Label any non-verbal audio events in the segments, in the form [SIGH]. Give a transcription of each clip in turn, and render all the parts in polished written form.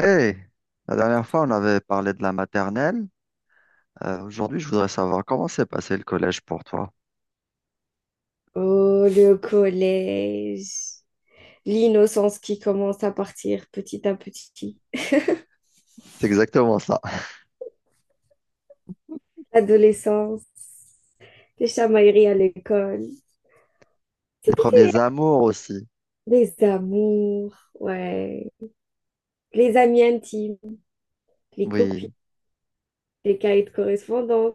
Hey, la dernière fois, on avait parlé de la maternelle. Aujourd'hui, je voudrais savoir comment s'est passé le collège pour toi. Oh, le collège, l'innocence qui commence à partir petit à petit, C'est exactement ça. l'adolescence, les chamailleries à l'école, si, Les si, si. premiers amours aussi. Les amours, ouais, les amis intimes, les copies, Oui. les cahiers de correspondance.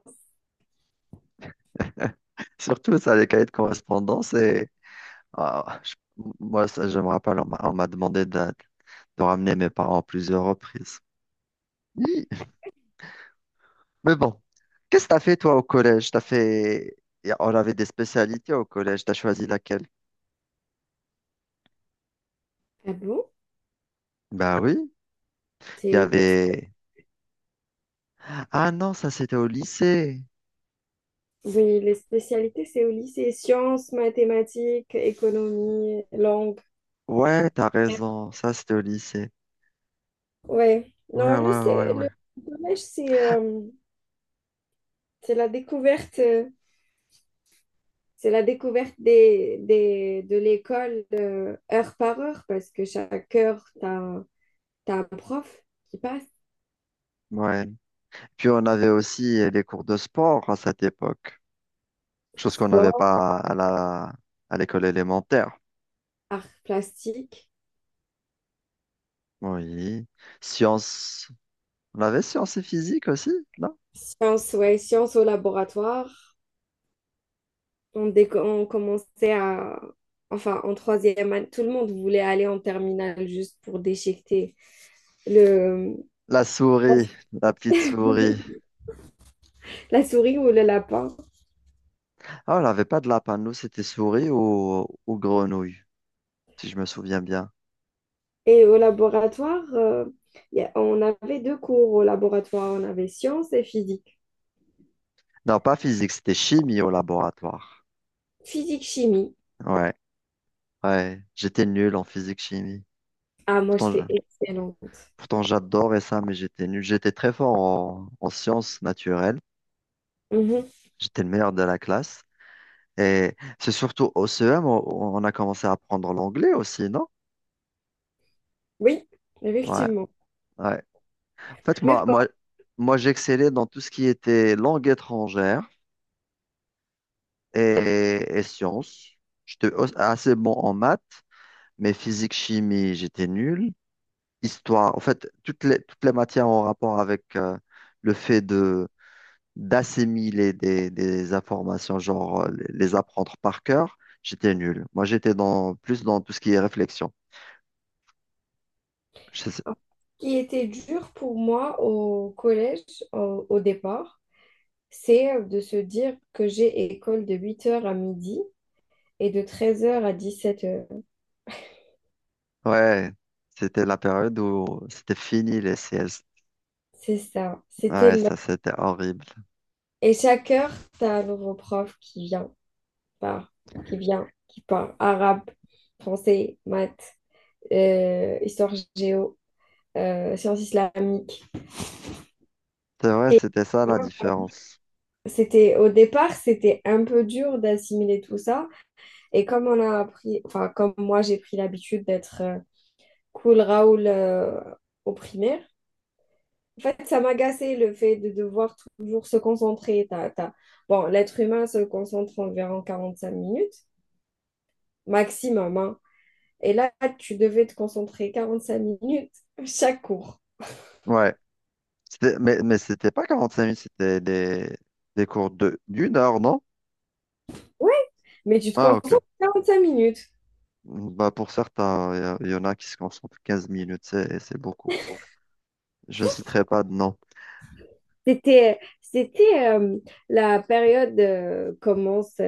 [LAUGHS] Surtout ça, les cahiers de correspondance. Ah, je- Moi, ça, je me rappelle, on m'a demandé de ramener mes parents à plusieurs reprises. Hi. Mais bon, qu'est-ce que t'as fait toi au collège? T'as fait... On avait des spécialités au collège. T'as choisi laquelle? Ah bon? Bah oui, il C'est y au lycée? avait... Ah non, ça c'était au lycée. Oui, les spécialités, c'est au lycée. Sciences, mathématiques, économie, langue. Ouais, t'as raison, ça c'était au lycée. Ouais. Non, Ouais, le, ouais, ouais, c'est- ouais. le collège, c'est la découverte. C'est la découverte de l'école heure par heure, parce que chaque heure, tu as, un t'as un prof qui passe. Ouais. Puis on avait aussi les cours de sport à cette époque, chose qu'on n'avait Sport, pas à la à l'école élémentaire. art plastique, Oui. Sciences. On avait sciences et physique aussi, non? sciences, ouais, sciences au laboratoire. On commençait à... Enfin, en troisième année, tout le monde voulait aller en terminale juste pour déchiqueter le, La souris, la petite souris. [LAUGHS] la souris ou le lapin. Ah, on n'avait pas de lapin, nous c'était souris ou grenouille, si je me souviens bien. Et au laboratoire, on avait deux cours au laboratoire. On avait sciences et physique. Non, pas physique, c'était chimie au laboratoire. Physique-chimie. Ouais, ouais. J'étais nul en physique-chimie. Ah, moi, Pourtant, je- j'étais excellente. Pourtant, j'adorais ça, mais j'étais nul. J'étais très fort en sciences naturelles. Mhm. J'étais le meilleur de la classe. Et c'est surtout au CEM, on a commencé à apprendre l'anglais aussi, non? Oui, Ouais, effectivement. ouais. En fait, Mais bon, moi, j'excellais dans tout ce qui était langue étrangère et sciences. Assez bon en maths, mais physique, chimie, j'étais nul. Histoire, en fait, toutes les matières en rapport avec le fait d'assimiler des informations, genre les apprendre par cœur, j'étais nul. Moi, plus dans tout ce qui est réflexion. Je sais- ce qui était dur pour moi au collège, au départ, c'est de se dire que j'ai école de 8 heures à midi et de 13 heures à 17 heures. ouais, c'était la période où c'était fini les C CS. C'est ça, c'était Ouais, long. ça, c'était horrible. Et chaque heure, t'as un nouveau prof qui vient, part, qui vient, qui part. Arabe, français, maths, histoire géo, sciences islamiques. C'est vrai, c'était ça la différence. C'était un peu dur d'assimiler tout ça. Et comme on a appris, enfin, comme moi j'ai pris l'habitude d'être cool Raoul au primaire, en fait, ça m'agaçait le fait de devoir toujours se concentrer. Bon, l'être humain se concentre environ 45 minutes, maximum, hein. Et là, tu devais te concentrer 45 minutes chaque cours. Ouais, mais, c'était pas 45 minutes, c'était des cours d'une heure, non? Ouais, mais tu te Ah, ok. concentres 45 minutes. Bah, pour certains, y en a qui se concentrent 15 minutes, c'est beaucoup. Je ne citerai pas de nom. C'était la période euh, commence,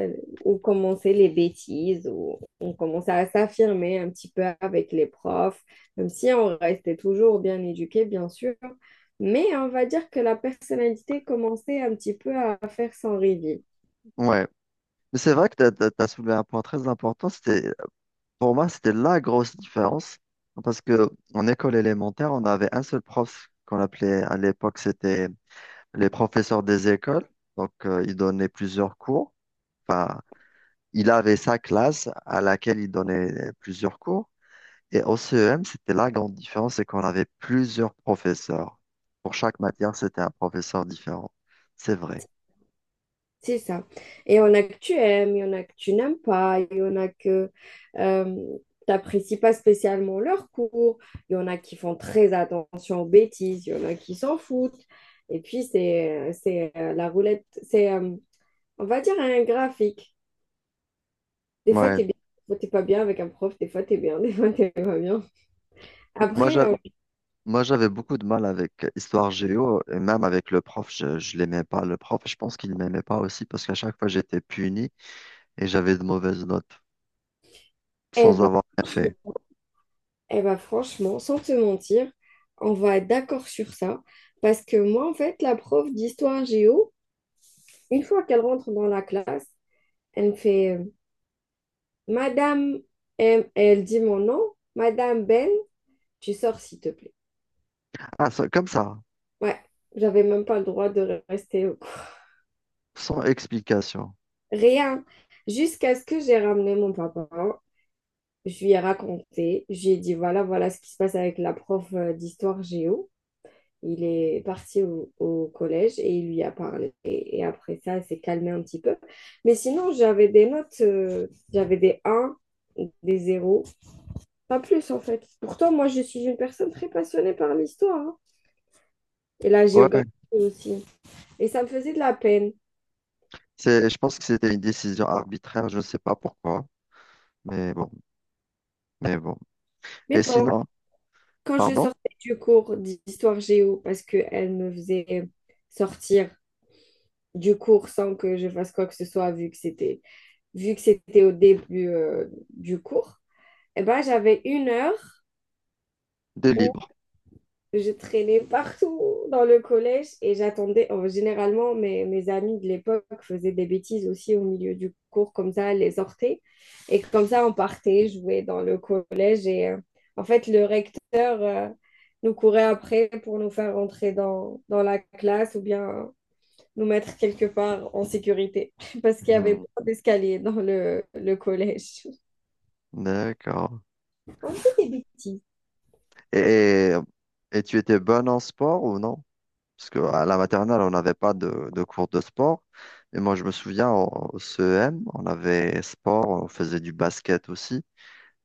où commençaient les bêtises, où on commençait à s'affirmer un petit peu avec les profs, même si on restait toujours bien éduqué, bien sûr. Mais on va dire que la personnalité commençait un petit peu à faire son reveal. Ouais. Mais c'est vrai que tu as, t'as, t'as- t'as soulevé un point très important. C'était, pour moi, c'était la grosse différence. Parce que en école élémentaire, on avait un seul prof qu'on appelait à l'époque, c'était les professeurs des écoles. Donc, il donnait plusieurs cours. Enfin, il avait sa classe à laquelle il donnait plusieurs cours. Et au CEM, c'était la grande différence, c'est qu'on avait plusieurs professeurs. Pour chaque matière, c'était un professeur différent. C'est vrai. C'est ça. Et il y en a que tu aimes, il y en a que tu n'aimes pas, il y en a que tu n'apprécies pas spécialement leur cours, il y en a qui font très attention aux bêtises, il y en a qui s'en foutent. Et puis, c'est, la roulette, c'est, on va dire, un graphique. Des fois, Ouais. tu es bien, des fois, t'es pas bien avec un prof, des fois, tu es bien, [LAUGHS] des fois, tu pas bien. Moi, Après, j'a- Moi, j'avais beaucoup de mal avec Histoire Géo et même avec le prof, je l'aimais pas. Le prof, je pense qu'il ne m'aimait pas aussi parce qu'à chaque fois, j'étais puni et j'avais de mauvaises notes eh sans ben, avoir rien fait. Franchement, sans te mentir, on va être d'accord sur ça. Parce que moi, en fait, la prof d'histoire géo, une fois qu'elle rentre dans la classe, elle me fait Madame, M. elle dit mon nom, Madame Ben, tu sors s'il te plaît. Comme ça, Ouais, j'avais même pas le droit de rester au cours. sans explication. Rien. Jusqu'à ce que j'ai ramené mon papa, je lui ai raconté, je lui ai dit voilà, voilà ce qui se passe avec la prof d'histoire géo. Il est parti au collège et il lui a parlé. Et après ça, elle s'est calmée un petit peu. Mais sinon, j'avais des notes, j'avais des 1, des 0. Pas plus en fait. Pourtant, moi, je suis une personne très passionnée par l'histoire hein, et la Ouais, géographie aussi. Et ça me faisait de la peine. Je pense que c'était une décision arbitraire, je ne sais pas pourquoi, mais bon, mais bon. Mais Et bon, sinon, quand je pardon, sortais du cours d'histoire géo, parce qu'elle me faisait sortir du cours sans que je fasse quoi que ce soit, vu que c'était au début du cours, eh ben, j'avais une heure de où libre. je traînais partout dans le collège et j'attendais. Oh, généralement, mes amis de l'époque faisaient des bêtises aussi au milieu du cours, comme ça, elles les hortaient. Et comme ça, on partait jouer dans le collège. Et en fait, le recteur nous courait après pour nous faire rentrer dans la classe ou bien nous mettre quelque part en sécurité [LAUGHS] parce qu'il y avait Mhm, pas d'escalier dans le collège. d'accord. On faisait des bêtises. Et, et tu étais bonne en sport ou non? Parce que à la maternelle, on n'avait pas de cours de sport. Et moi, je me souviens, au CEM, on avait sport, on faisait du basket aussi.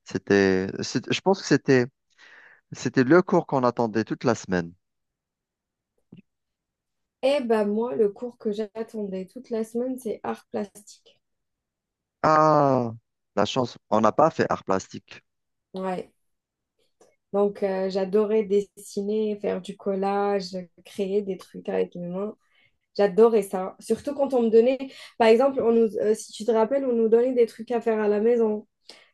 Je pense que c'était le cours qu'on attendait toute la semaine. Eh ben moi, le cours que j'attendais toute la semaine, c'est art plastique. Ah, la chance, on n'a pas fait art plastique. Ouais. Donc j'adorais dessiner, faire du collage, créer des trucs avec mes mains. J'adorais ça. Surtout quand on me donnait, par exemple, si tu te rappelles, on nous donnait des trucs à faire à la maison,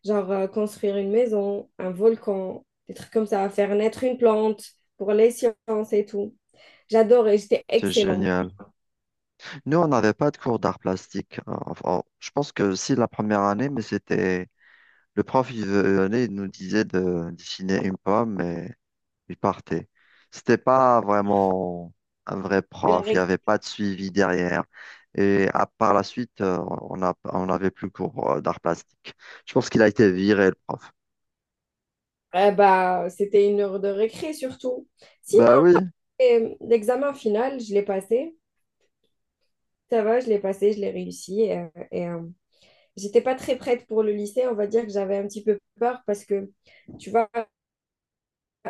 genre construire une maison, un volcan, des trucs comme ça, faire naître une plante pour les sciences et tout. J'adorais, j'étais C'est excellente. génial. Nous, on n'avait pas de cours d'art plastique. Enfin, oh, je pense que si la première année, mais c'était, le prof, il venait, il nous disait de dessiner une pomme il partait. C'était pas vraiment un vrai C'est la prof, il n'y avait pas de suivi derrière. Et à, par la suite, on a, on n'avait plus cours d'art plastique. Je pense qu'il a été viré, le prof. Eh ben, c'était une heure de récré surtout. Sinon, Bah oui, l'examen final, je l'ai passé. Ça va, je l'ai passé, je l'ai réussi. J'étais pas très prête pour le lycée. On va dire que j'avais un petit peu peur parce que, tu vois,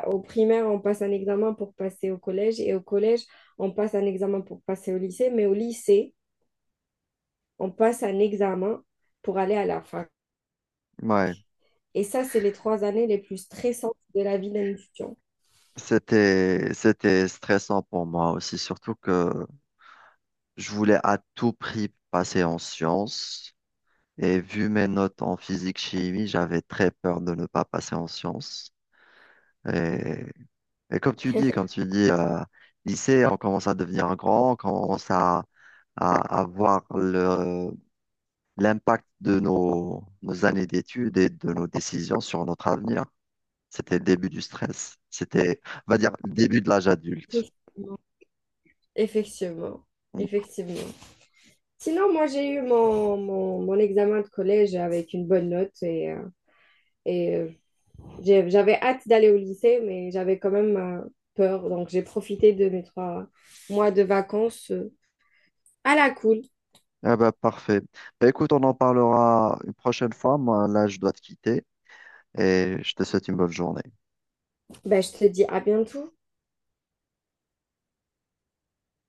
au primaire, on passe un examen pour passer au collège. Et au collège, on passe un examen pour passer au lycée. Mais au lycée, on passe un examen pour aller à la fac. ouais. Et ça, c'est les trois années les plus stressantes de la vie d'un étudiant. C'était, c'était stressant pour moi aussi, surtout que je voulais à tout prix passer en sciences. Et vu mes notes en physique-chimie, j'avais très peur de ne pas passer en sciences. Et Et comme tu dis, lycée, on commence à devenir grand, on commence à voir l'impact de nos années d'études et de nos décisions sur notre avenir. C'était le début du stress. C'était, on va dire, le début de l'âge adulte. [LAUGHS] Effectivement, Mm. effectivement. Sinon, moi, j'ai eu mon examen de collège avec une bonne note et euh, j'avais hâte d'aller au lycée, mais j'avais quand même peur. Donc, j'ai profité de mes trois mois de vacances à la cool. Ah bah, parfait. Bah, écoute, on en parlera une prochaine fois. Moi, là, je dois te quitter et je te souhaite une bonne journée. Ben, je te dis à bientôt.